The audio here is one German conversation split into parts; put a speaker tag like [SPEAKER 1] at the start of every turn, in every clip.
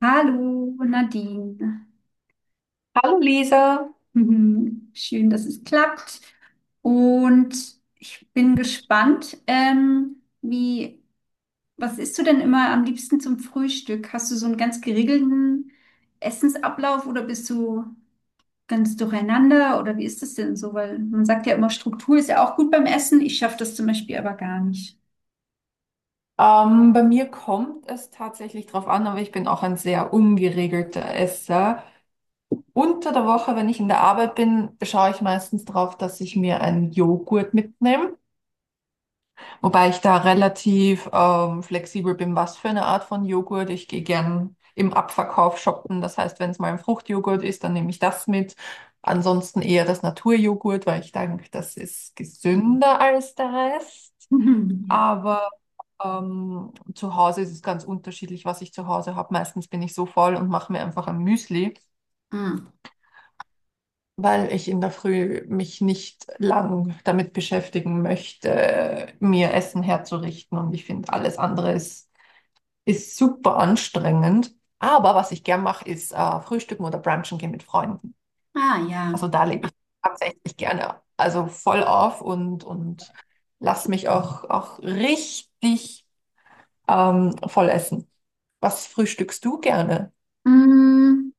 [SPEAKER 1] Hallo Nadine.
[SPEAKER 2] Hallo Lisa,
[SPEAKER 1] Mhm. Schön, dass es klappt. Und ich bin gespannt, wie, was isst du denn immer am liebsten zum Frühstück? Hast du so einen ganz geregelten Essensablauf oder bist du ganz durcheinander oder wie ist das denn so? Weil man sagt ja immer, Struktur ist ja auch gut beim Essen. Ich schaffe das zum Beispiel aber gar nicht.
[SPEAKER 2] bei mir kommt es tatsächlich drauf an, aber ich bin auch ein sehr ungeregelter Esser. Unter der Woche, wenn ich in der Arbeit bin, schaue ich meistens drauf, dass ich mir einen Joghurt mitnehme, wobei ich da relativ flexibel bin, was für eine Art von Joghurt. Ich gehe gern im Abverkauf shoppen, das heißt, wenn es mal ein Fruchtjoghurt ist, dann nehme ich das mit. Ansonsten eher das Naturjoghurt, weil ich denke, das ist gesünder als der Rest.
[SPEAKER 1] Mhm. Ja.
[SPEAKER 2] Aber zu Hause ist es ganz unterschiedlich, was ich zu Hause habe. Meistens bin ich so faul und mache mir einfach ein Müsli,
[SPEAKER 1] Mm.
[SPEAKER 2] weil ich in der Früh mich nicht lang damit beschäftigen möchte, mir Essen herzurichten. Und ich finde, ist super anstrengend. Aber was ich gern mache, ist Frühstücken oder Brunchen gehen mit Freunden.
[SPEAKER 1] Ah ja.
[SPEAKER 2] Also da lebe ich tatsächlich gerne. Also voll auf und lass mich auch richtig voll essen. Was frühstückst du gerne?
[SPEAKER 1] Mm.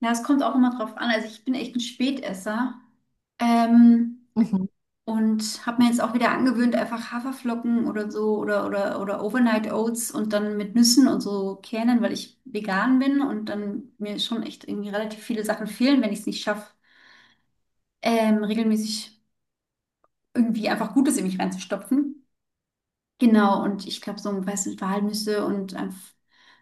[SPEAKER 1] Ja, es kommt auch immer drauf an. Also ich bin echt ein Spätesser. Ähm,
[SPEAKER 2] Mhm.
[SPEAKER 1] und habe mir jetzt auch wieder angewöhnt, einfach Haferflocken oder so oder Overnight Oats und dann mit Nüssen und so Kernen, weil ich vegan bin und dann mir schon echt irgendwie relativ viele Sachen fehlen, wenn ich es nicht schaffe, regelmäßig irgendwie einfach Gutes in mich reinzustopfen. Genau, und ich glaube, so, weißt du, Walnüsse und einfach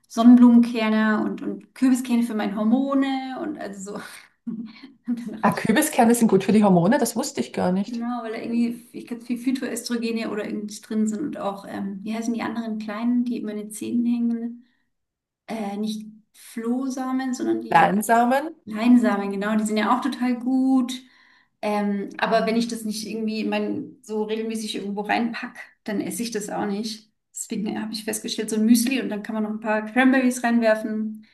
[SPEAKER 1] Sonnenblumenkerne und Kürbiskerne für meine Hormone und also so. Und dann dachte
[SPEAKER 2] Ah,
[SPEAKER 1] ich,
[SPEAKER 2] Kürbiskerne sind gut für die Hormone, das wusste ich gar nicht.
[SPEAKER 1] genau, weil da irgendwie, ich glaube, viel Phytoöstrogene oder irgendwie drin sind und auch, wie heißen die anderen kleinen, die immer in den Zähnen hängen? Nicht Flohsamen, sondern die
[SPEAKER 2] Leinsamen,
[SPEAKER 1] Leinsamen, genau, die sind ja auch total gut. Aber wenn ich das nicht irgendwie in mein, so regelmäßig irgendwo reinpack, dann esse ich das auch nicht. Deswegen habe ich festgestellt, so ein Müsli und dann kann man noch ein paar Cranberries reinwerfen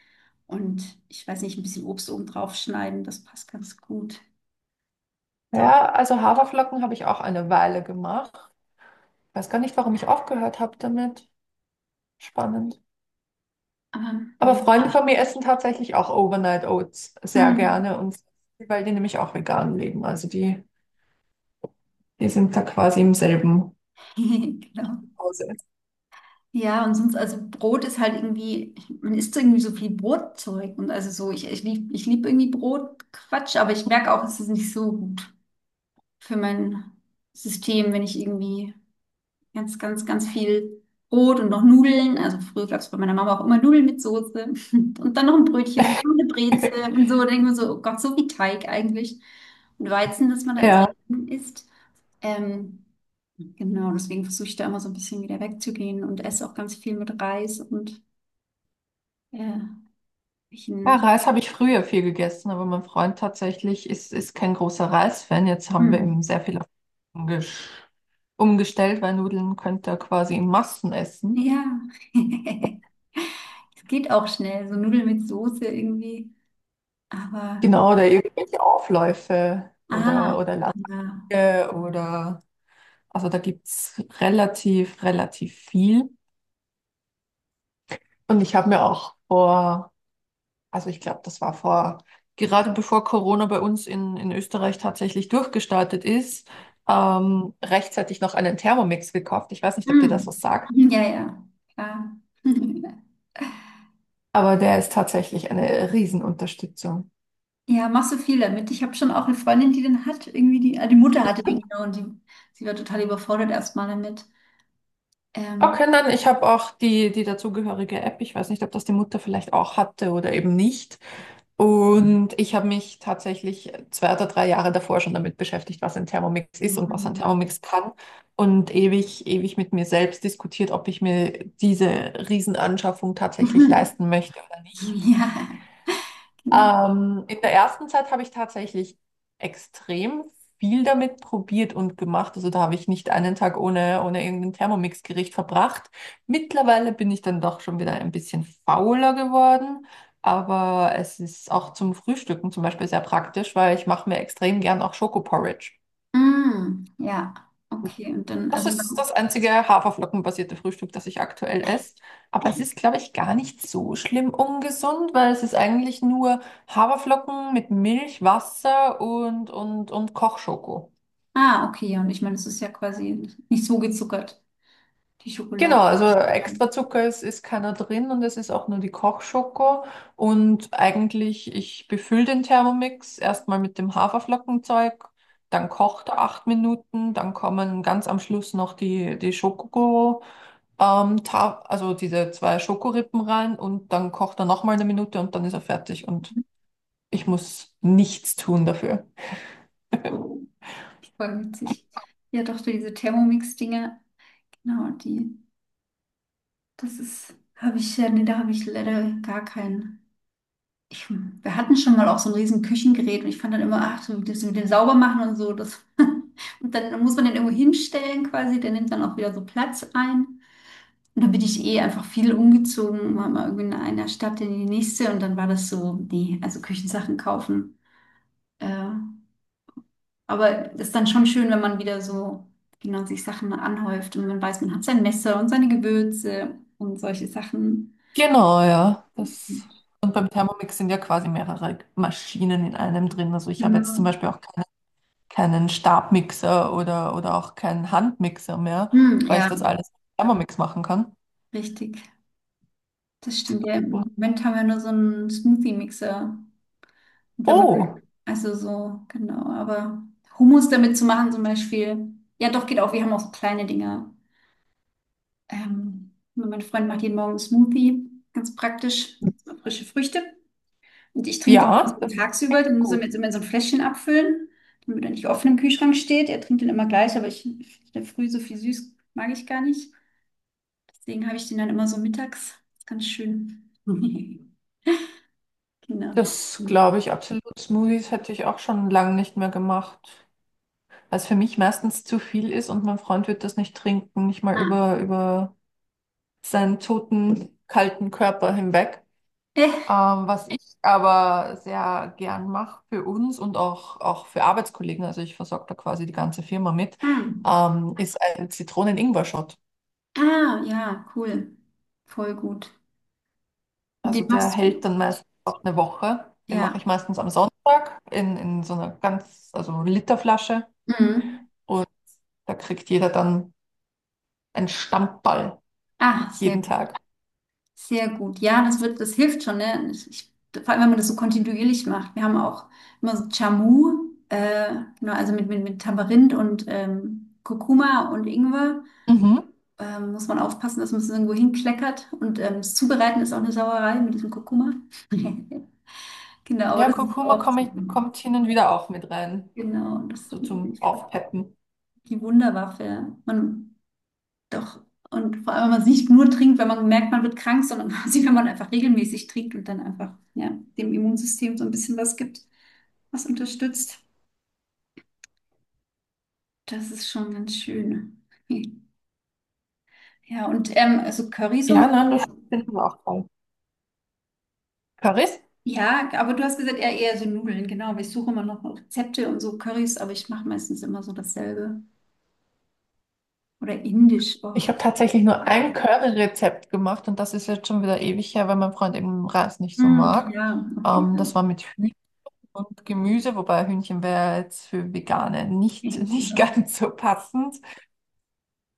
[SPEAKER 1] und ich weiß nicht, ein bisschen Obst oben drauf schneiden, das passt ganz gut. Doch,
[SPEAKER 2] ja, also Haferflocken habe ich auch eine Weile gemacht. Weiß gar nicht, warum ich aufgehört habe damit. Spannend.
[SPEAKER 1] aber
[SPEAKER 2] Aber
[SPEAKER 1] ja.
[SPEAKER 2] Freunde von mir essen tatsächlich auch Overnight Oats sehr
[SPEAKER 1] Hm.
[SPEAKER 2] gerne und weil die nämlich auch vegan leben. Also die sind da quasi im selben
[SPEAKER 1] Genau.
[SPEAKER 2] Hause.
[SPEAKER 1] Ja, und sonst, also Brot ist halt irgendwie, man isst irgendwie so viel Brotzeug. Und also so, ich lieb irgendwie Brotquatsch, aber ich merke auch, es ist nicht so gut für mein System, wenn ich irgendwie ganz, ganz, ganz viel Brot und noch Nudeln. Also früher gab es bei meiner Mama auch immer Nudeln mit Soße und dann noch ein Brötchen und noch eine Brezel und so. Da denkt man so, oh Gott, so wie Teig eigentlich. Und Weizen, das man da ins
[SPEAKER 2] Ja.
[SPEAKER 1] isst. Ähm, genau, deswegen versuche ich da immer so ein bisschen wieder wegzugehen und esse auch ganz viel mit Reis und äh, ich
[SPEAKER 2] Ja,
[SPEAKER 1] nicht.
[SPEAKER 2] Reis habe ich früher viel gegessen, aber mein Freund tatsächlich ist kein großer Reisfan. Jetzt haben wir
[SPEAKER 1] Hm.
[SPEAKER 2] ihm sehr viel umgesch- umgestellt, weil Nudeln könnt ihr quasi in Massen essen.
[SPEAKER 1] Ja, es geht auch schnell, so Nudeln mit Soße irgendwie. Aber,
[SPEAKER 2] Genau, oder Mhm. irgendwelche Aufläufe
[SPEAKER 1] ah,
[SPEAKER 2] oder
[SPEAKER 1] ja.
[SPEAKER 2] Lasagne oder also da gibt es relativ viel. Und ich habe mir auch vor, also ich glaube, das war vor, gerade bevor Corona bei uns in Österreich tatsächlich durchgestartet ist, rechtzeitig noch einen Thermomix gekauft. Ich weiß nicht, ob dir das
[SPEAKER 1] Hm.
[SPEAKER 2] was sagt,
[SPEAKER 1] Ja, ja, klar.
[SPEAKER 2] aber der ist tatsächlich eine Riesenunterstützung.
[SPEAKER 1] Ja, machst du viel damit. Ich habe schon auch eine Freundin, die den hat, irgendwie die, ah, die Mutter hatte den genau und die, sie war total überfordert erstmal damit. Ähm.
[SPEAKER 2] Okay, nein, ich habe auch die dazugehörige App. Ich weiß nicht, ob das die Mutter vielleicht auch hatte oder eben nicht. Und ich habe mich tatsächlich 2 oder 3 Jahre davor schon damit beschäftigt, was ein Thermomix ist und was ein Thermomix kann. Und ewig mit mir selbst diskutiert, ob ich mir diese Riesenanschaffung tatsächlich leisten möchte oder nicht.
[SPEAKER 1] Ja, genau.
[SPEAKER 2] In der ersten Zeit habe ich tatsächlich extrem viel damit probiert und gemacht. Also da habe ich nicht einen Tag ohne irgendein Thermomix-Gericht verbracht. Mittlerweile bin ich dann doch schon wieder ein bisschen fauler geworden. Aber es ist auch zum Frühstücken zum Beispiel sehr praktisch, weil ich mache mir extrem gern auch Schokoporridge.
[SPEAKER 1] Hm. Ja, okay. Und dann,
[SPEAKER 2] Das
[SPEAKER 1] also,
[SPEAKER 2] ist das einzige haferflockenbasierte Frühstück, das ich aktuell esse. Aber es ist, glaube ich, gar nicht so schlimm ungesund, weil es ist eigentlich nur Haferflocken mit Milch, Wasser und Kochschoko.
[SPEAKER 1] ah, okay, ja, und ich meine, es ist ja quasi nicht so gezuckert, die
[SPEAKER 2] Genau,
[SPEAKER 1] Schokolade.
[SPEAKER 2] also extra ist keiner drin und es ist auch nur die Kochschoko. Und eigentlich, ich befülle den Thermomix erstmal mit dem Haferflockenzeug, dann kocht er 8 Minuten, dann kommen ganz am Schluss noch die Schoko. Ta also diese zwei Schokorippen rein und dann kocht er nochmal eine Minute und dann ist er fertig und ich muss nichts tun dafür.
[SPEAKER 1] Voll witzig. Ja, doch, so diese Thermomix-Dinger, genau, die, das ist, habe ich, ja, nee, da habe ich leider gar keinen. Ich, wir hatten schon mal auch so ein riesen Küchengerät und ich fand dann immer, ach, so das mit dem Saubermachen und so, das, und dann muss man den irgendwo hinstellen quasi, der nimmt dann auch wieder so Platz ein. Und dann bin ich eh einfach viel umgezogen, war mal irgendwie in einer Stadt in die nächste und dann war das so, nee, also Küchensachen kaufen. Äh, aber ist dann schon schön, wenn man wieder so, genau, sich Sachen anhäuft und man weiß, man hat sein Messer und seine Gewürze und solche Sachen.
[SPEAKER 2] Genau, ja. Das. Und beim Thermomix sind ja quasi mehrere Maschinen in einem drin. Also ich habe jetzt zum
[SPEAKER 1] Genau.
[SPEAKER 2] Beispiel auch keinen Stabmixer oder auch keinen Handmixer mehr,
[SPEAKER 1] Hm,
[SPEAKER 2] weil ich
[SPEAKER 1] ja,
[SPEAKER 2] das alles mit Thermomix machen kann.
[SPEAKER 1] richtig. Das stimmt ja. Im
[SPEAKER 2] Und-
[SPEAKER 1] Moment haben wir nur so einen Smoothie-Mixer. Und wenn man,
[SPEAKER 2] Oh,
[SPEAKER 1] also so, genau. Aber Hummus damit zu machen zum Beispiel. Ja, doch, geht auch. Wir haben auch so kleine Dinger. Mein Freund macht jeden Morgen einen Smoothie. Ganz praktisch. Frische Früchte. Und ich trinke den so
[SPEAKER 2] ja, das
[SPEAKER 1] tagsüber.
[SPEAKER 2] klingt
[SPEAKER 1] Den muss er mir
[SPEAKER 2] gut.
[SPEAKER 1] jetzt immer in so ein Fläschchen abfüllen, damit er nicht offen im Kühlschrank steht. Er trinkt den immer gleich, aber ich, in der Früh so viel süß mag ich gar nicht. Deswegen habe ich den dann immer so mittags. Ganz schön. Genau.
[SPEAKER 2] Das glaube ich absolut. Smoothies hätte ich auch schon lange nicht mehr gemacht. Was für mich meistens zu viel ist und mein Freund wird das nicht trinken, nicht mal
[SPEAKER 1] Ah.
[SPEAKER 2] über seinen toten, kalten Körper hinweg.
[SPEAKER 1] Äh,
[SPEAKER 2] Was ich aber sehr gern mache für uns und auch für Arbeitskollegen, also ich versorge da quasi die ganze Firma mit,
[SPEAKER 1] hm.
[SPEAKER 2] ist ein Zitronen-Ingwer-Shot.
[SPEAKER 1] Ah, ja, cool. Voll gut. Und
[SPEAKER 2] Also
[SPEAKER 1] den
[SPEAKER 2] der
[SPEAKER 1] machst
[SPEAKER 2] hält
[SPEAKER 1] du.
[SPEAKER 2] dann meistens auch 1 Woche. Den mache ich
[SPEAKER 1] Ja.
[SPEAKER 2] meistens am Sonntag in so einer ganz, also Literflasche
[SPEAKER 1] Mhm.
[SPEAKER 2] und da kriegt jeder dann einen Stammball
[SPEAKER 1] Ah, sehr
[SPEAKER 2] jeden
[SPEAKER 1] gut.
[SPEAKER 2] Tag.
[SPEAKER 1] Sehr gut. Ja, das wird, das hilft schon, ne? Ich, vor allem, wenn man das so kontinuierlich macht. Wir haben auch immer so Jamu, genau, also mit, mit Tamarind und Kurkuma und Ingwer.
[SPEAKER 2] Mhm.
[SPEAKER 1] Muss man aufpassen, dass man es irgendwo hinkleckert. Und das Zubereiten ist auch eine Sauerei mit diesem Kurkuma. Genau, aber
[SPEAKER 2] Ja,
[SPEAKER 1] das ist
[SPEAKER 2] Kurkuma
[SPEAKER 1] auch so.
[SPEAKER 2] kommt hin und wieder auch mit rein,
[SPEAKER 1] Genau, das
[SPEAKER 2] so zum
[SPEAKER 1] ist
[SPEAKER 2] Aufpeppen.
[SPEAKER 1] die Wunderwaffe. Man, doch. Und vor allem, wenn man es nicht nur trinkt, wenn man merkt, man wird krank, sondern quasi, wenn man einfach regelmäßig trinkt und dann einfach, ja, dem Immunsystem so ein bisschen was gibt, was unterstützt. Das ist schon ganz schön. Ja, und also Currys und
[SPEAKER 2] Ja,
[SPEAKER 1] so.
[SPEAKER 2] nein, das finden wir auch toll. Currys?
[SPEAKER 1] Ja, aber du hast gesagt, eher so Nudeln, genau. Aber ich suche immer noch Rezepte und so Currys, aber ich mache meistens immer so dasselbe. Oder indisch. Oh.
[SPEAKER 2] Ich habe tatsächlich nur ein Curry-Rezept gemacht und das ist jetzt schon wieder ewig her, weil mein Freund eben Reis nicht so
[SPEAKER 1] Hm,
[SPEAKER 2] mag.
[SPEAKER 1] ja, okay.
[SPEAKER 2] Das war mit Hühnchen und Gemüse, wobei Hühnchen wäre jetzt für Veganer nicht
[SPEAKER 1] Hm,
[SPEAKER 2] ganz so passend.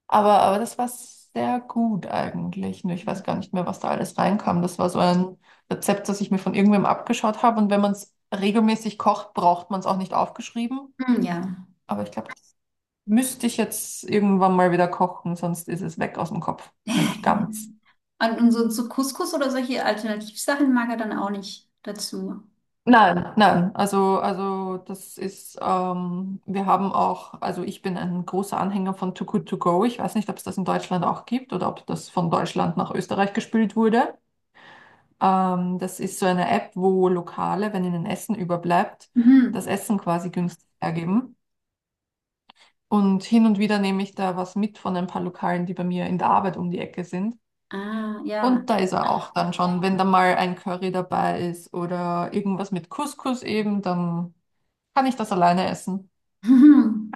[SPEAKER 2] Aber das war sehr gut eigentlich. Nur ich weiß gar nicht mehr, was da alles reinkam. Das war so ein Rezept, das ich mir von irgendwem abgeschaut habe. Und wenn man es regelmäßig kocht, braucht man es auch nicht aufgeschrieben.
[SPEAKER 1] ja.
[SPEAKER 2] Aber ich glaube, das müsste ich jetzt irgendwann mal wieder kochen, sonst ist es weg aus dem Kopf. Nämlich ganz.
[SPEAKER 1] Und so, so Couscous oder solche Alternativsachen mag er dann auch nicht dazu.
[SPEAKER 2] Nein, nein. Also das ist, wir haben auch, also ich bin ein großer Anhänger von Too Good To Go. Ich weiß nicht, ob es das in Deutschland auch gibt oder ob das von Deutschland nach Österreich gespült wurde. Das ist so eine App, wo Lokale, wenn ihnen Essen überbleibt, das
[SPEAKER 1] Mhm.
[SPEAKER 2] Essen quasi günstig hergeben. Und hin und wieder nehme ich da was mit von ein paar Lokalen, die bei mir in der Arbeit um die Ecke sind.
[SPEAKER 1] Ah, ja.
[SPEAKER 2] Und da ist er auch dann schon, wenn da mal ein Curry dabei ist oder irgendwas mit Couscous eben, dann kann ich das alleine essen.
[SPEAKER 1] Mhm.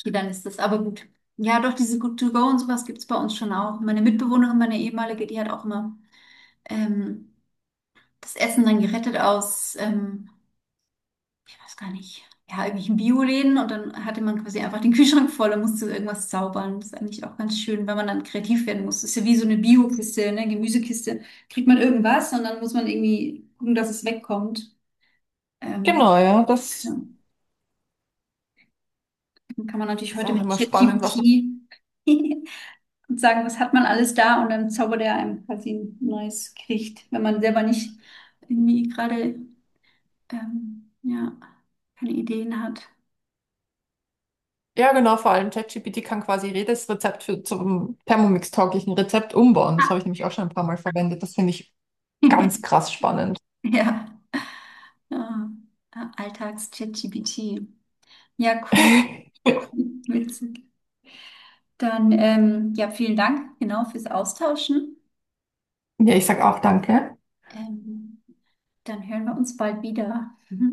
[SPEAKER 1] Okay, dann ist das aber gut. Ja, doch, diese Good-to-go und sowas gibt es bei uns schon auch. Meine Mitbewohnerin, meine ehemalige, die hat auch immer ähm, das Essen dann gerettet aus ich weiß gar nicht, ja, irgendwelchen Bioläden und dann hatte man quasi einfach den Kühlschrank voll und musste irgendwas zaubern. Das ist eigentlich auch ganz schön, weil man dann kreativ werden muss. Das ist ja wie so eine Biokiste, ne, Gemüsekiste. Kriegt man irgendwas und dann muss man irgendwie gucken, dass es wegkommt. Ähm,
[SPEAKER 2] Genau, ja,
[SPEAKER 1] ja.
[SPEAKER 2] das
[SPEAKER 1] Dann kann man natürlich
[SPEAKER 2] ist
[SPEAKER 1] heute
[SPEAKER 2] auch
[SPEAKER 1] mit
[SPEAKER 2] immer spannend, was man.
[SPEAKER 1] ChatGPT und sagen, was hat man alles da und dann zaubert er einem quasi ein neues Gericht, wenn man selber nicht irgendwie gerade ja, keine Ideen hat.
[SPEAKER 2] Ja, genau, vor allem ChatGPT kann quasi jedes Rezept zum Thermomix-tauglichen Rezept umbauen. Das habe ich nämlich auch schon ein paar Mal verwendet. Das finde ich ganz krass spannend.
[SPEAKER 1] Ja. Ja, Alltags-ChatGPT. Ja, cool.
[SPEAKER 2] Ja,
[SPEAKER 1] Witzig. Dann, ja, vielen Dank, genau, fürs Austauschen.
[SPEAKER 2] ich sag auch danke.
[SPEAKER 1] Ähm, Dann hören wir uns bald wieder.